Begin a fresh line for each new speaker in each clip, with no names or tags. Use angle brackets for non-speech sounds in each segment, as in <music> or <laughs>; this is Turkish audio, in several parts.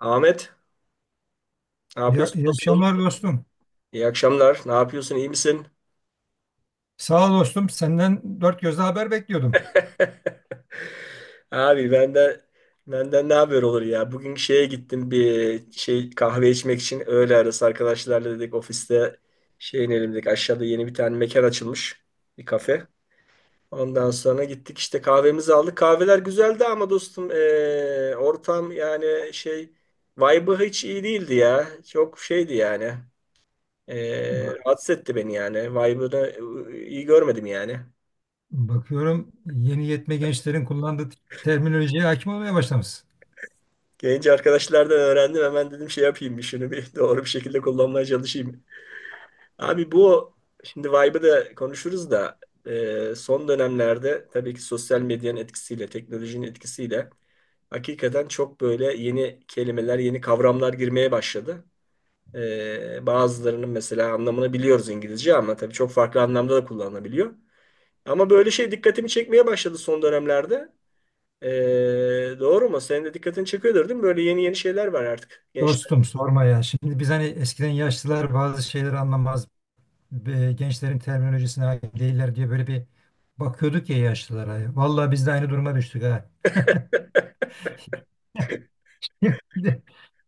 Ahmet, ne
Ya,
yapıyorsun
iyi
dostum?
akşamlar dostum.
İyi akşamlar. Ne yapıyorsun? İyi misin?
Sağ ol dostum. Senden dört gözle haber bekliyordum.
<laughs> Abi ben de benden ne haber olur ya? Bugün şeye gittim bir şey kahve içmek için öğle arası arkadaşlarla dedik ofiste şey inelim dedik. Aşağıda yeni bir tane mekan açılmış. Bir kafe. Ondan sonra gittik işte kahvemizi aldık. Kahveler güzeldi ama dostum ortam yani şey vibe'ı hiç iyi değildi ya. Çok şeydi yani.
Bak,
Rahatsız etti beni yani. Vibe'ını iyi görmedim yani.
bakıyorum yeni yetme gençlerin kullandığı terminolojiye hakim olmaya başlamışsın.
Gelince arkadaşlardan öğrendim. Hemen dedim şey yapayım bir şunu bir <laughs> doğru bir şekilde kullanmaya çalışayım. Abi bu şimdi vibe'ı da konuşuruz da son dönemlerde tabii ki sosyal medyanın etkisiyle, teknolojinin etkisiyle hakikaten çok böyle yeni kelimeler, yeni kavramlar girmeye başladı. Bazılarının mesela anlamını biliyoruz İngilizce, ama tabii çok farklı anlamda da kullanılabiliyor. Ama böyle şey dikkatimi çekmeye başladı son dönemlerde. Doğru mu? Senin de dikkatin çekiyordur değil mi? Böyle yeni yeni şeyler var artık. Gençler.
Dostum sorma ya. Şimdi biz hani eskiden yaşlılar bazı şeyleri anlamaz. Gençlerin terminolojisine hakim değiller diye böyle bir bakıyorduk ya yaşlılara. Vallahi biz de aynı duruma düştük ha. <laughs>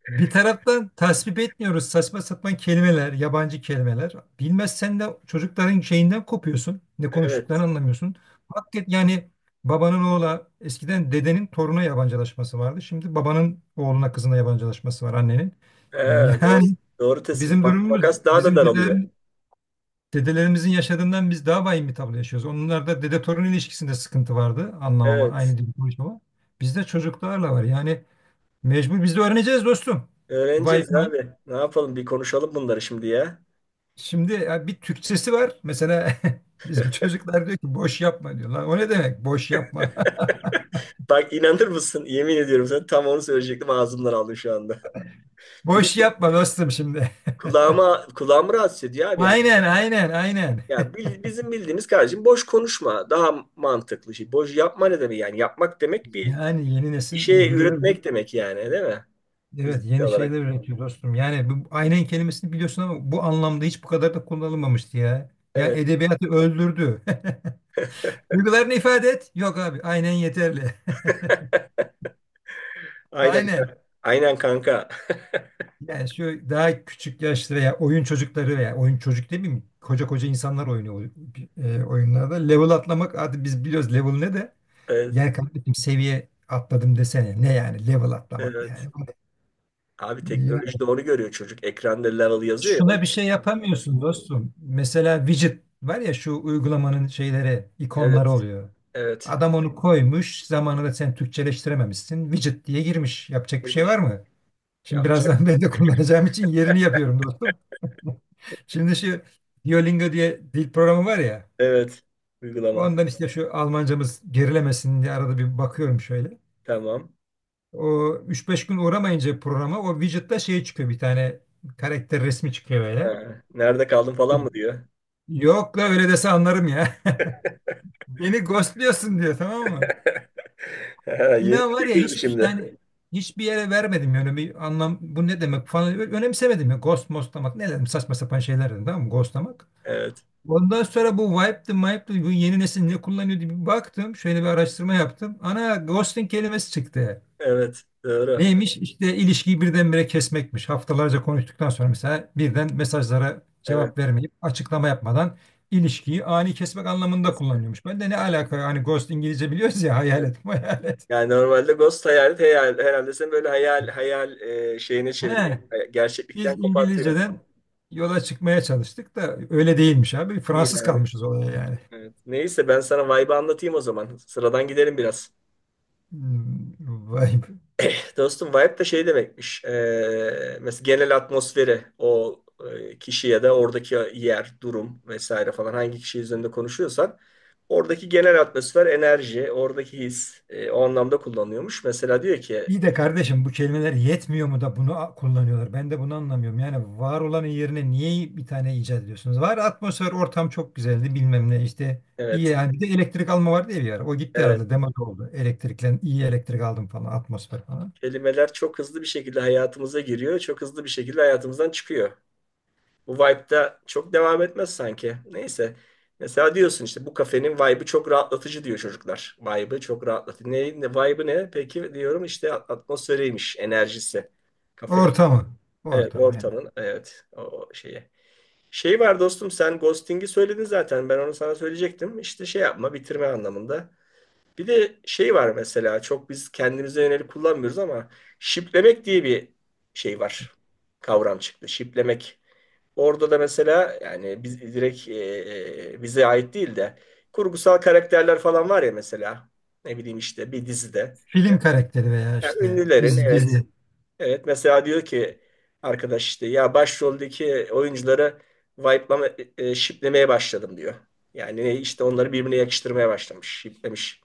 Bir taraftan tasvip etmiyoruz saçma sapan kelimeler, yabancı kelimeler. Bilmezsen de çocukların şeyinden kopuyorsun. Ne konuştuklarını
Evet.
anlamıyorsun. Hakikaten yani babanın oğla eskiden dedenin toruna yabancılaşması vardı. Şimdi babanın oğluna kızına yabancılaşması var annenin.
Evet, doğru,
Yani
doğru tespit.
bizim
Bak,
durumumuz
makas daha da
bizim
daralıyor.
dedelerimizin yaşadığından biz daha vahim bir tablo yaşıyoruz. Onlarda dede torun ilişkisinde sıkıntı vardı anlamama
Evet.
aynı dil konuşmama. Bizde çocuklarla var yani mecbur biz de öğreneceğiz dostum. Vay,
Öğreneceğiz abi. Ne yapalım? Bir konuşalım bunları şimdi ya.
şimdi ya bir Türkçesi var. Mesela <laughs> bizim çocuklar diyor ki boş yapma diyor. Lan o ne demek boş yapma? <laughs>
<laughs> Bak, inanır mısın? Yemin ediyorum sana, tam onu söyleyecektim. Ağzımdan aldım şu anda. <laughs> Bir de
Boş yapma dostum şimdi.
kulağımı rahatsız ediyor
<laughs>
abi. Yani,
Aynen aynen aynen.
ya bizim bildiğimiz kardeşim boş konuşma. Daha mantıklı şey. Boş yapma ne demek yani? Yapmak demek bir
Yani yeni
bir
nesil
şey
uyduruyor.
üretmek demek yani, değil mi?
Evet
Fiziksel
yeni şeyler
olarak.
üretiyor dostum. Yani bu aynen kelimesini biliyorsun ama bu anlamda hiç bu kadar da kullanılmamıştı ya. Ya
Evet.
edebiyatı öldürdü. <laughs> Duygularını ifade et. Yok abi aynen yeterli. <laughs>
Aynen,
Aynen.
aynen kanka. <laughs>
Yani şu daha küçük yaşlı veya oyun çocukları veya oyun çocuk değil mi? Koca koca insanlar oynuyor oyunlarda. Level atlamak artık biz biliyoruz level ne de.
Evet,
Yani kardeşim seviye atladım desene. Ne yani level atlamak
evet.
yani.
Abi teknoloji
Yani
doğru görüyor çocuk. Ekranda level yazıyor ya.
şuna bir şey yapamıyorsun dostum. Mesela widget var ya şu uygulamanın şeyleri, ikonları
Evet,
oluyor.
evet.
Adam onu koymuş, zamanında sen Türkçeleştirememişsin. Widget diye girmiş. Yapacak bir şey
Girmiş.
var mı? Şimdi
Yapacak.
birazdan <laughs> ben de kullanacağım için yerini yapıyorum dostum. Şimdi şu Duolingo diye dil programı var ya.
Evet. Uygulama.
Ondan işte şu Almancamız gerilemesin diye arada bir bakıyorum şöyle.
Tamam.
O üç beş gün uğramayınca programa o widget'ta şey çıkıyor bir tane karakter resmi çıkıyor böyle.
Ha, nerede kaldın falan mı diyor.
Yok la öyle dese anlarım ya. <laughs> Beni ghostluyorsun diyor tamam mı?
<laughs> Ha, yeni
İnan
bir şey
var ya
girdi
hiç
şimdi.
yani hiçbir yere vermedim yani bir anlam bu ne demek falan önemsemedim ya ghost mostlamak ne dedim saçma sapan şeyler dedim tamam mı ghostlamak.
Evet,
Ondan sonra bu Wipe'dı, bu yeni nesil ne kullanıyor diye bir baktım. Şöyle bir araştırma yaptım. Ana ghosting kelimesi çıktı.
evet. Doğru.
Neymiş? İşte ilişkiyi birdenbire kesmekmiş. Haftalarca konuştuktan sonra mesela birden mesajlara
Evet.
cevap vermeyip açıklama yapmadan ilişkiyi ani kesmek anlamında
Kesin.
kullanıyormuş. Ben de ne alaka hani ghost İngilizce biliyoruz ya
Evet.
hayalet <laughs> hayalet.
Yani normalde ghost hayal, hayal herhalde seni böyle hayal hayal şeyine çeviriyor.
He,
Gerçeklikten
biz
kopartıyor.
İngilizceden yola çıkmaya çalıştık da öyle değilmiş abi. Fransız
Değil abi.
kalmışız olaya yani.
Evet. Neyse, ben sana vibe'ı anlatayım o zaman. Sıradan gidelim biraz.
Hmm, vay be.
Dostum, vibe de şey demekmiş. Mesela genel atmosferi o kişi ya da oradaki yer, durum vesaire falan, hangi kişi üzerinde konuşuyorsan oradaki genel atmosfer, enerji, oradaki his, o anlamda kullanıyormuş. Mesela diyor ki
İyi de kardeşim bu kelimeler yetmiyor mu da bunu kullanıyorlar? Ben de bunu anlamıyorum. Yani var olanın yerine niye bir tane icat ediyorsunuz? Var atmosfer, ortam çok güzeldi bilmem ne işte. İyi
evet,
yani bir de elektrik alma vardı ya bir ara. O gitti
evet,
herhalde demode oldu. Elektriklen iyi elektrik aldım falan atmosfer falan.
kelimeler çok hızlı bir şekilde hayatımıza giriyor, çok hızlı bir şekilde hayatımızdan çıkıyor. Bu vibe'da çok devam etmez sanki. Neyse. Mesela diyorsun işte bu kafenin vibe'ı çok rahatlatıcı, diyor çocuklar. Vibe'ı çok rahatlatıcı. Ne, vibe'ı ne? Peki, diyorum işte atmosferiymiş, enerjisi kafenin.
Ortamı.
Evet,
Ortamı yani.
ortamın. Evet, o şeyi. Şey var dostum, sen ghosting'i söyledin zaten. Ben onu sana söyleyecektim. İşte şey yapma, bitirme anlamında. Bir de şey var mesela, çok biz kendimize yönelik kullanmıyoruz ama şiplemek diye bir şey var. Kavram çıktı. Şiplemek. Orada da mesela, yani biz direkt bize ait değil de kurgusal karakterler falan var ya mesela, ne bileyim işte bir dizide.
Film karakteri veya
Yani
işte
ünlülerin,
dizi,
evet,
dizi.
evet, mesela diyor ki arkadaş işte, ya başroldeki oyuncuları wipe'lama shiplemeye başladım, diyor. Yani işte onları birbirine yakıştırmaya başlamış, shiplemiş.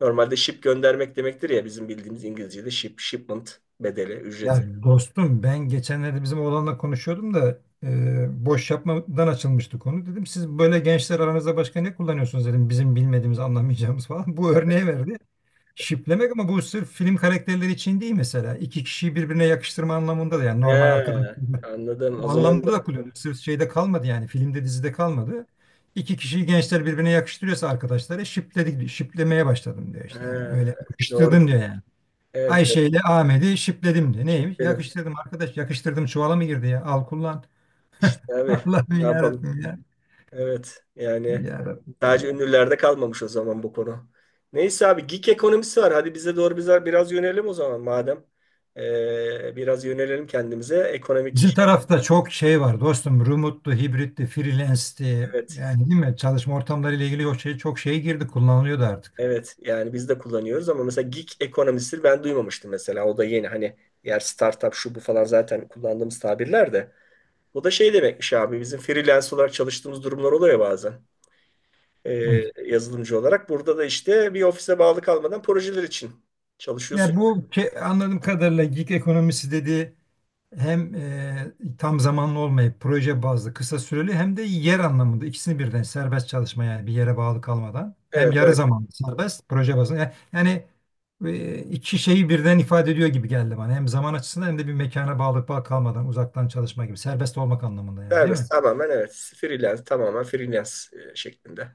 Normalde ship göndermek demektir ya, bizim bildiğimiz İngilizce'de ship, shipment bedeli,
Ya
ücreti.
dostum ben geçenlerde bizim oğlanla konuşuyordum da boş yapmadan açılmıştı konu. Dedim siz böyle gençler aranızda başka ne kullanıyorsunuz dedim. Bizim bilmediğimiz anlamayacağımız falan. <laughs> Bu örneği verdi. Şiplemek ama bu sırf film karakterleri için değil mesela. İki kişiyi birbirine yakıştırma anlamında da yani normal arkadaş.
He, anladım. O
O
zaman
anlamda da kullanıyor. Sırf şeyde kalmadı yani filmde dizide kalmadı. İki kişiyi gençler birbirine yakıştırıyorsa arkadaşları şipledik, şiplemeye başladım diyor işte yani.
he,
Öyle
doğru.
yakıştırdım diyor yani.
Evet.
Ayşe ile Ahmet'i şipledim de. Neymiş?
Şüpheli.
Yakıştırdım arkadaş. Yakıştırdım çuvala mı girdi ya? Al kullan.
İşte
<laughs>
abi,
Allah'ım
ne yapalım?
yarabbim ya.
Evet, yani
Yarabbim
sadece
ya.
ünlülerde kalmamış o zaman bu konu. Neyse abi, geek ekonomisi var. Hadi bize doğru, bize biraz yönelim o zaman madem. Biraz yönelelim kendimize.
Bizim
Ekonomik,
tarafta çok şey var dostum. Remote'lu, hibritti, freelance'ti.
evet,
Yani değil mi? Çalışma ortamları ile ilgili o şey, çok şey girdi. Kullanılıyordu artık.
evet, yani biz de kullanıyoruz ama mesela gig ekonomisi ben duymamıştım mesela. O da yeni, hani yer startup şu bu falan zaten kullandığımız tabirler de. Bu da şey demekmiş abi, bizim freelance olarak çalıştığımız durumlar oluyor ya bazen. e,
Evet.
Yazılımcı olarak. Burada da işte bir ofise bağlı kalmadan projeler için çalışıyorsun.
Ya bu anladığım kadarıyla gig ekonomisi dedi. Hem tam zamanlı olmayıp proje bazlı kısa süreli hem de yer anlamında ikisini birden serbest çalışma yani bir yere bağlı kalmadan hem
Evet,
yarı
evet.
zamanlı serbest proje bazlı yani, iki şeyi birden ifade ediyor gibi geldi bana hem zaman açısından hem de bir mekana bağlı kalmadan uzaktan çalışma gibi serbest olmak anlamında yani değil
Serbest.
mi?
Tamamen evet. Freelance, tamamen freelance şeklinde.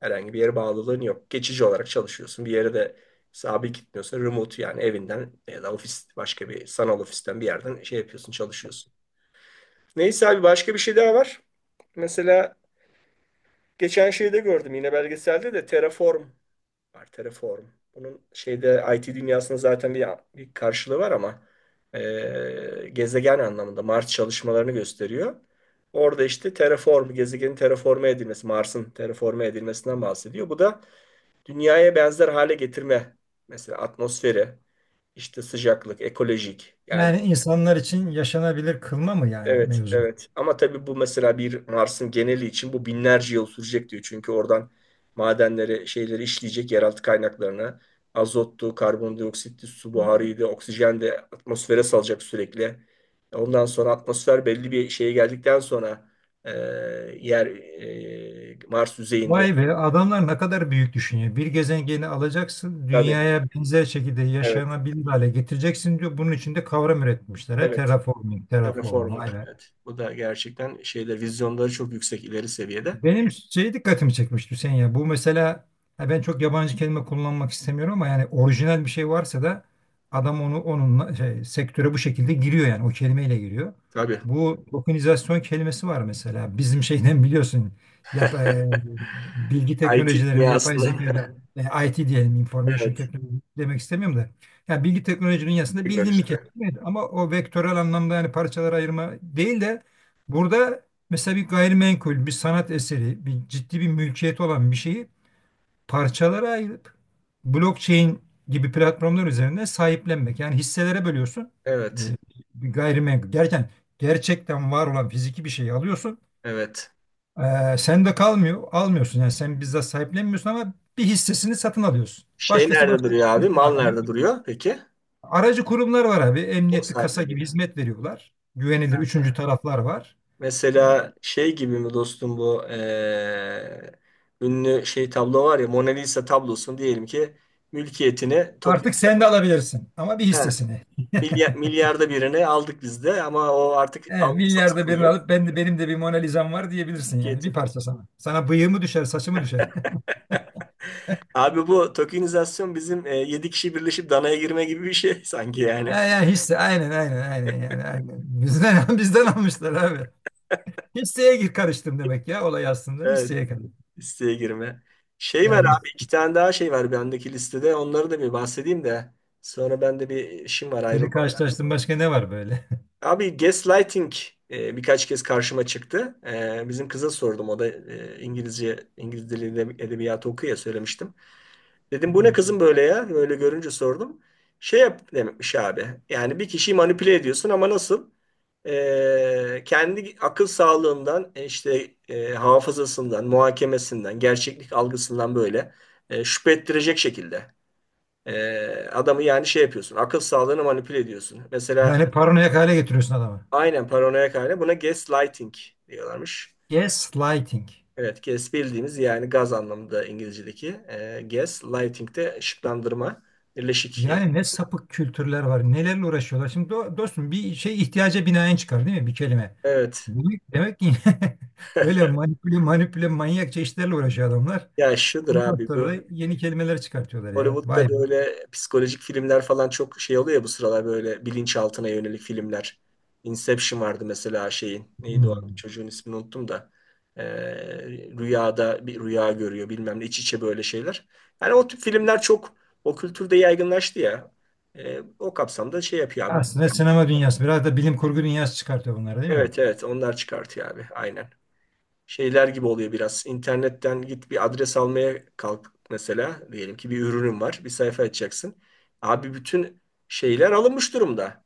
Herhangi bir yere bağlılığın yok. Geçici olarak çalışıyorsun. Bir yere de sabit gitmiyorsun. Remote, yani evinden ya da ofis, başka bir sanal ofisten bir yerden şey yapıyorsun, çalışıyorsun. Neyse abi, başka bir şey daha var. Mesela geçen şeyde gördüm, yine belgeselde de Terraform var. Terraform. Bunun şeyde IT dünyasında zaten bir karşılığı var, ama gezegen anlamında Mars çalışmalarını gösteriyor. Orada işte terraform, gezegenin terraforme edilmesi, Mars'ın terraforme edilmesinden bahsediyor. Bu da dünyaya benzer hale getirme. Mesela atmosferi, işte sıcaklık, ekolojik yani.
Yani insanlar için yaşanabilir kılma mı yani
Evet,
mevzu?
evet. Ama tabii bu mesela bir Mars'ın geneli için bu binlerce yıl sürecek diyor. Çünkü oradan madenleri, şeyleri işleyecek, yeraltı kaynaklarını. Azottu, karbondioksitti, su buharıydı, oksijen de atmosfere salacak sürekli. Ondan sonra atmosfer belli bir şeye geldikten sonra e, yer, Mars yüzeyinde.
Vay be adamlar ne kadar büyük düşünüyor. Bir gezegeni alacaksın,
Tabii,
dünyaya benzer şekilde
evet,
yaşanabilir hale getireceksin diyor. Bunun için de kavram üretmişler. He?
evet.
Terraforming, terraform,
Terraforming,
vay be.
evet. Bu da gerçekten şeyler, vizyonları çok yüksek, ileri seviyede.
Benim şey dikkatimi çekmişti Hüseyin ya. Bu mesela ha ben çok yabancı kelime kullanmak istemiyorum ama yani orijinal bir şey varsa da adam onu onunla şey, sektöre bu şekilde giriyor yani o kelimeyle giriyor.
Tabii.
Bu tokenizasyon kelimesi var mesela. Bizim şeyden biliyorsun yap, e,
<laughs>
bilgi
IT
teknolojilerine yapay
dünyasından.
zekada
<laughs>
IT diyelim, information
Evet.
technology demek istemiyorum da. Yani bilgi teknolojinin dünyasında
Günler
bildiğim bir
işte.
kelime ama o vektörel anlamda yani parçalara ayırma değil de burada mesela bir gayrimenkul, bir sanat eseri, bir ciddi bir mülkiyet olan bir şeyi parçalara ayırıp blockchain gibi platformlar üzerinde sahiplenmek. Yani hisselere bölüyorsun.
Evet.
Ee, bir gayrimenkul. Gerçekten var olan fiziki bir şeyi alıyorsun.
Evet.
Sen de kalmıyor, almıyorsun. Yani sen bizzat sahiplenmiyorsun ama bir hissesini satın alıyorsun.
Şey
Başkası
nerede
başka
duruyor
bir
abi?
hissesini
Mal
almıyor.
nerede duruyor peki?
Aracı kurumlar var abi.
O
Emniyetli kasa gibi
sahipleniyor.
hizmet veriyorlar. Güvenilir
Ha.
üçüncü taraflar var. E,
Mesela şey gibi mi dostum bu, ünlü şey tablo var ya, Mona Lisa tablosun diyelim ki, mülkiyetini Tokyo.
artık sen de alabilirsin ama bir
He,
hissesini. <laughs>
milyarda birine aldık biz de, ama o artık
He,
alınıp
milyarda birini
satılmıyor.
alıp ben de benim de bir Mona Lisa'm var diyebilirsin yani bir
Mülkiyetin.
parça sana. Sana bıyığı mı düşer, saçı mı düşer? <laughs>
<laughs> Abi, bu tokenizasyon bizim 7 kişi birleşip danaya girme gibi bir şey <laughs> sanki
He,
yani.
ya hisse aynen aynen aynen yani aynen. Bizden <laughs> bizden almışlar abi. Hisseye gir karıştım demek ya olay aslında
Evet.
hisseye karıştım.
Listeye girme. Şey var
Yani
abi, iki tane daha şey var bendeki listede. Onları da bir bahsedeyim de. Sonra bende bir işim var,
seni
ayrılmam.
karşılaştım başka ne var böyle? <laughs>
Abi, gaslighting birkaç kez karşıma çıktı. Bizim kıza sordum. O da İngiliz dili edebiyatı okuyor ya, söylemiştim. Dedim, bu ne kızım böyle ya? Böyle görünce sordum. Şey yap demekmiş abi. Yani bir kişiyi manipüle ediyorsun ama nasıl? Kendi akıl sağlığından işte, hafızasından, muhakemesinden, gerçeklik algısından böyle şüphe ettirecek şekilde. Ee, adamı yani şey yapıyorsun. Akıl sağlığını manipüle ediyorsun. Mesela
Yani paranoyak hale getiriyorsun adamı.
aynen, paranoyak hale, buna gaslighting diyorlarmış.
Gaslighting.
Evet, gas bildiğimiz yani gaz anlamında İngilizce'deki. Gaslighting de ışıklandırma, birleşik yazı.
Yani ne sapık kültürler var, nelerle uğraşıyorlar. Şimdi dostum bir şey ihtiyaca binaen çıkar değil mi bir kelime?
Evet.
Demek ki <laughs> böyle
<laughs>
manipüle manipüle manyakça işlerle uğraşıyor adamlar.
Ya şudur
Ondan
abi
sonra
bu,
da yeni kelimeler çıkartıyorlar ya.
Hollywood'da
Vay be.
böyle psikolojik filmler falan çok şey oluyor ya, bu sıralar böyle bilinçaltına yönelik filmler. Inception vardı mesela, şeyin. Neydi o?
Hmm.
Çocuğun ismini unuttum da. Ee, rüyada bir rüya görüyor bilmem ne, iç içe böyle şeyler. Yani o tip filmler çok o kültürde yaygınlaştı ya. O kapsamda şey yapıyor abi.
Aslında sinema dünyası biraz da bilim kurgu dünyası çıkartıyor bunlar değil mi?
Evet, evet, onlar çıkartıyor abi. Aynen. Şeyler gibi oluyor biraz. İnternetten git bir adres almaya kalk mesela. Diyelim ki bir ürünün var. Bir sayfa açacaksın. Abi, bütün şeyler alınmış durumda.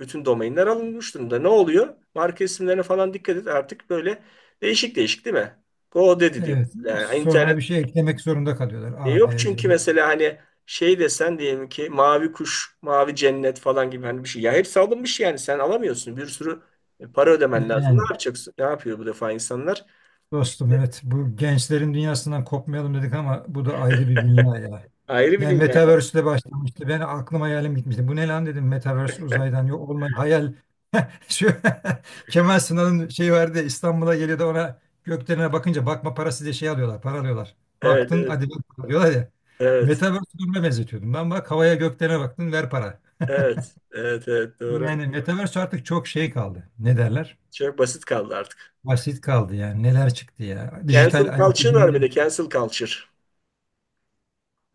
Bütün domainler alınmış durumda. Ne oluyor? Marka isimlerine falan dikkat et. Artık böyle değişik değişik değil mi? Go dedi diyor.
Evet.
Yani, evet.
Sonra
internet
bir şey eklemek zorunda kalıyorlar.
diye
A,
yok
B, C.
çünkü, mesela hani şey desen, diyelim ki mavi kuş, mavi cennet falan gibi hani bir şey. Ya hepsi alınmış, yani sen alamıyorsun. Bir sürü para ödemen lazım. Ne
Yani.
yapacaksın? Ne yapıyor bu defa insanlar?
Dostum evet bu gençlerin dünyasından kopmayalım dedik ama bu da ayrı bir dünya ya.
Ayrı bir
Yani
dünya.
Metaverse ile başlamıştı. Ben aklım hayalim gitmişti. Bu ne lan dedim Metaverse uzaydan yok olmayan hayal. <laughs> Şu <laughs> Kemal Sunal'ın şey vardı ya, İstanbul'a geliyor da ona göklerine bakınca bakma parası diye şey alıyorlar. Para alıyorlar.
Evet,
Baktın
evet,
hadi bak para diyorlar ya.
evet,
Metaverse duruma benzetiyordum. Ben bak havaya göklerine baktın ver para.
evet, evet, evet, doğru.
Yani Metaverse artık çok şey kaldı. Ne derler?
Çok basit kaldı artık.
Basit kaldı yani. Neler çıktı ya. Dijital
Cancel
ayak
culture var, bir
izinden.
de cancel culture.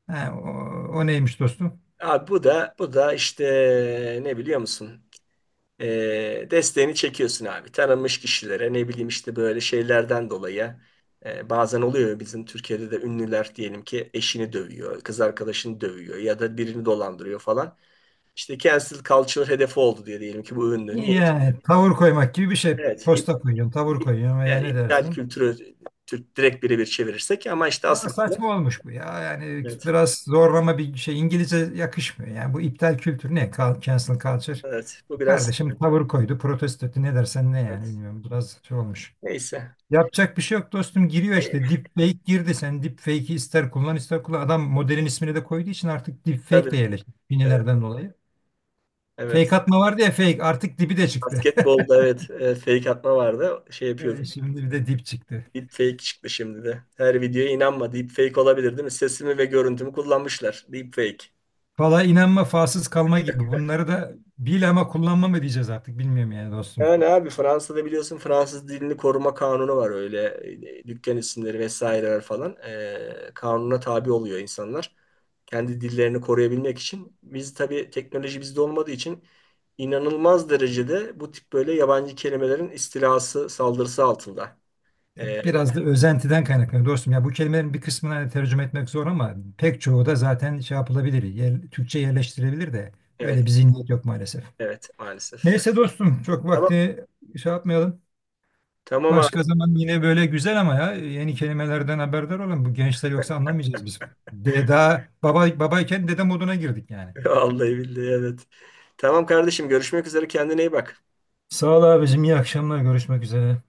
Ha, o, o neymiş dostum?
Abi, bu da işte ne biliyor musun? Desteğini çekiyorsun abi. Tanınmış kişilere, ne bileyim işte böyle şeylerden dolayı bazen oluyor ya, bizim Türkiye'de de ünlüler diyelim ki eşini dövüyor, kız arkadaşını dövüyor ya da birini dolandırıyor falan. İşte cancel culture hedefi oldu diye, diyelim ki bu ünlü. Niye?
Yani tavır koymak gibi bir şey.
Evet.
Posta koyuyorsun, tavır koyuyorsun veya
Evet,
ne
iptal
dersin?
kültürü, Türk direkt birebir çevirirsek, ama işte
Ama
asıl,
saçma olmuş bu ya. Yani
evet,
biraz zorlama bir şey. İngilizce yakışmıyor. Yani bu iptal kültürü ne? Cancel culture.
evet, bu biraz,
Kardeşim tavır koydu, protesto etti. Ne dersen ne yani
evet.
bilmiyorum. Biraz şey olmuş.
Neyse,
Yapacak bir şey yok dostum. Giriyor işte. Deepfake girdi. Sen deepfake'i ister kullan ister kullan. Adam modelin ismini de koyduğu için artık deepfake de
tabii,
yerleşti.
evet,
Finilerden dolayı.
evet.
Fake atma vardı ya fake. Artık dibi de çıktı.
Basketbolda evet, fake atma vardı, şey yapıyordum,
Şimdi bir de dip çıktı.
deepfake çıktı şimdi. De her videoya inanma, deepfake olabilir, değil mi? Sesimi ve görüntümü kullanmışlar, deepfake.
Valla inanma falsız kalma gibi. Bunları da bil ama kullanma mı diyeceğiz artık bilmiyorum yani dostum.
Yani abi, Fransa'da biliyorsun, Fransız dilini koruma kanunu var, öyle dükkan isimleri vesaireler falan kanuna tabi oluyor insanlar. Kendi dillerini koruyabilmek için. Biz tabii teknoloji bizde olmadığı için inanılmaz derecede bu tip böyle yabancı kelimelerin istilası, saldırısı altında. E,
Biraz da özentiden kaynaklanıyor dostum. Ya bu kelimelerin bir kısmını hani tercüme etmek zor ama pek çoğu da zaten şey yapılabilir. Yer, Türkçe yerleştirilebilir de öyle
evet,
bir zihniyet yok maalesef.
evet, maalesef.
Neyse dostum çok
Tamam,
vakti şey yapmayalım.
tamam abi.
Başka zaman yine böyle güzel ama ya yeni kelimelerden haberdar olun. Bu gençler yoksa anlamayacağız biz. Deda baba babayken dede moduna girdik yani.
<laughs> Vallahi billahi evet. Tamam kardeşim, görüşmek üzere, kendine iyi bak.
Sağ ol abicim, iyi akşamlar. Görüşmek üzere.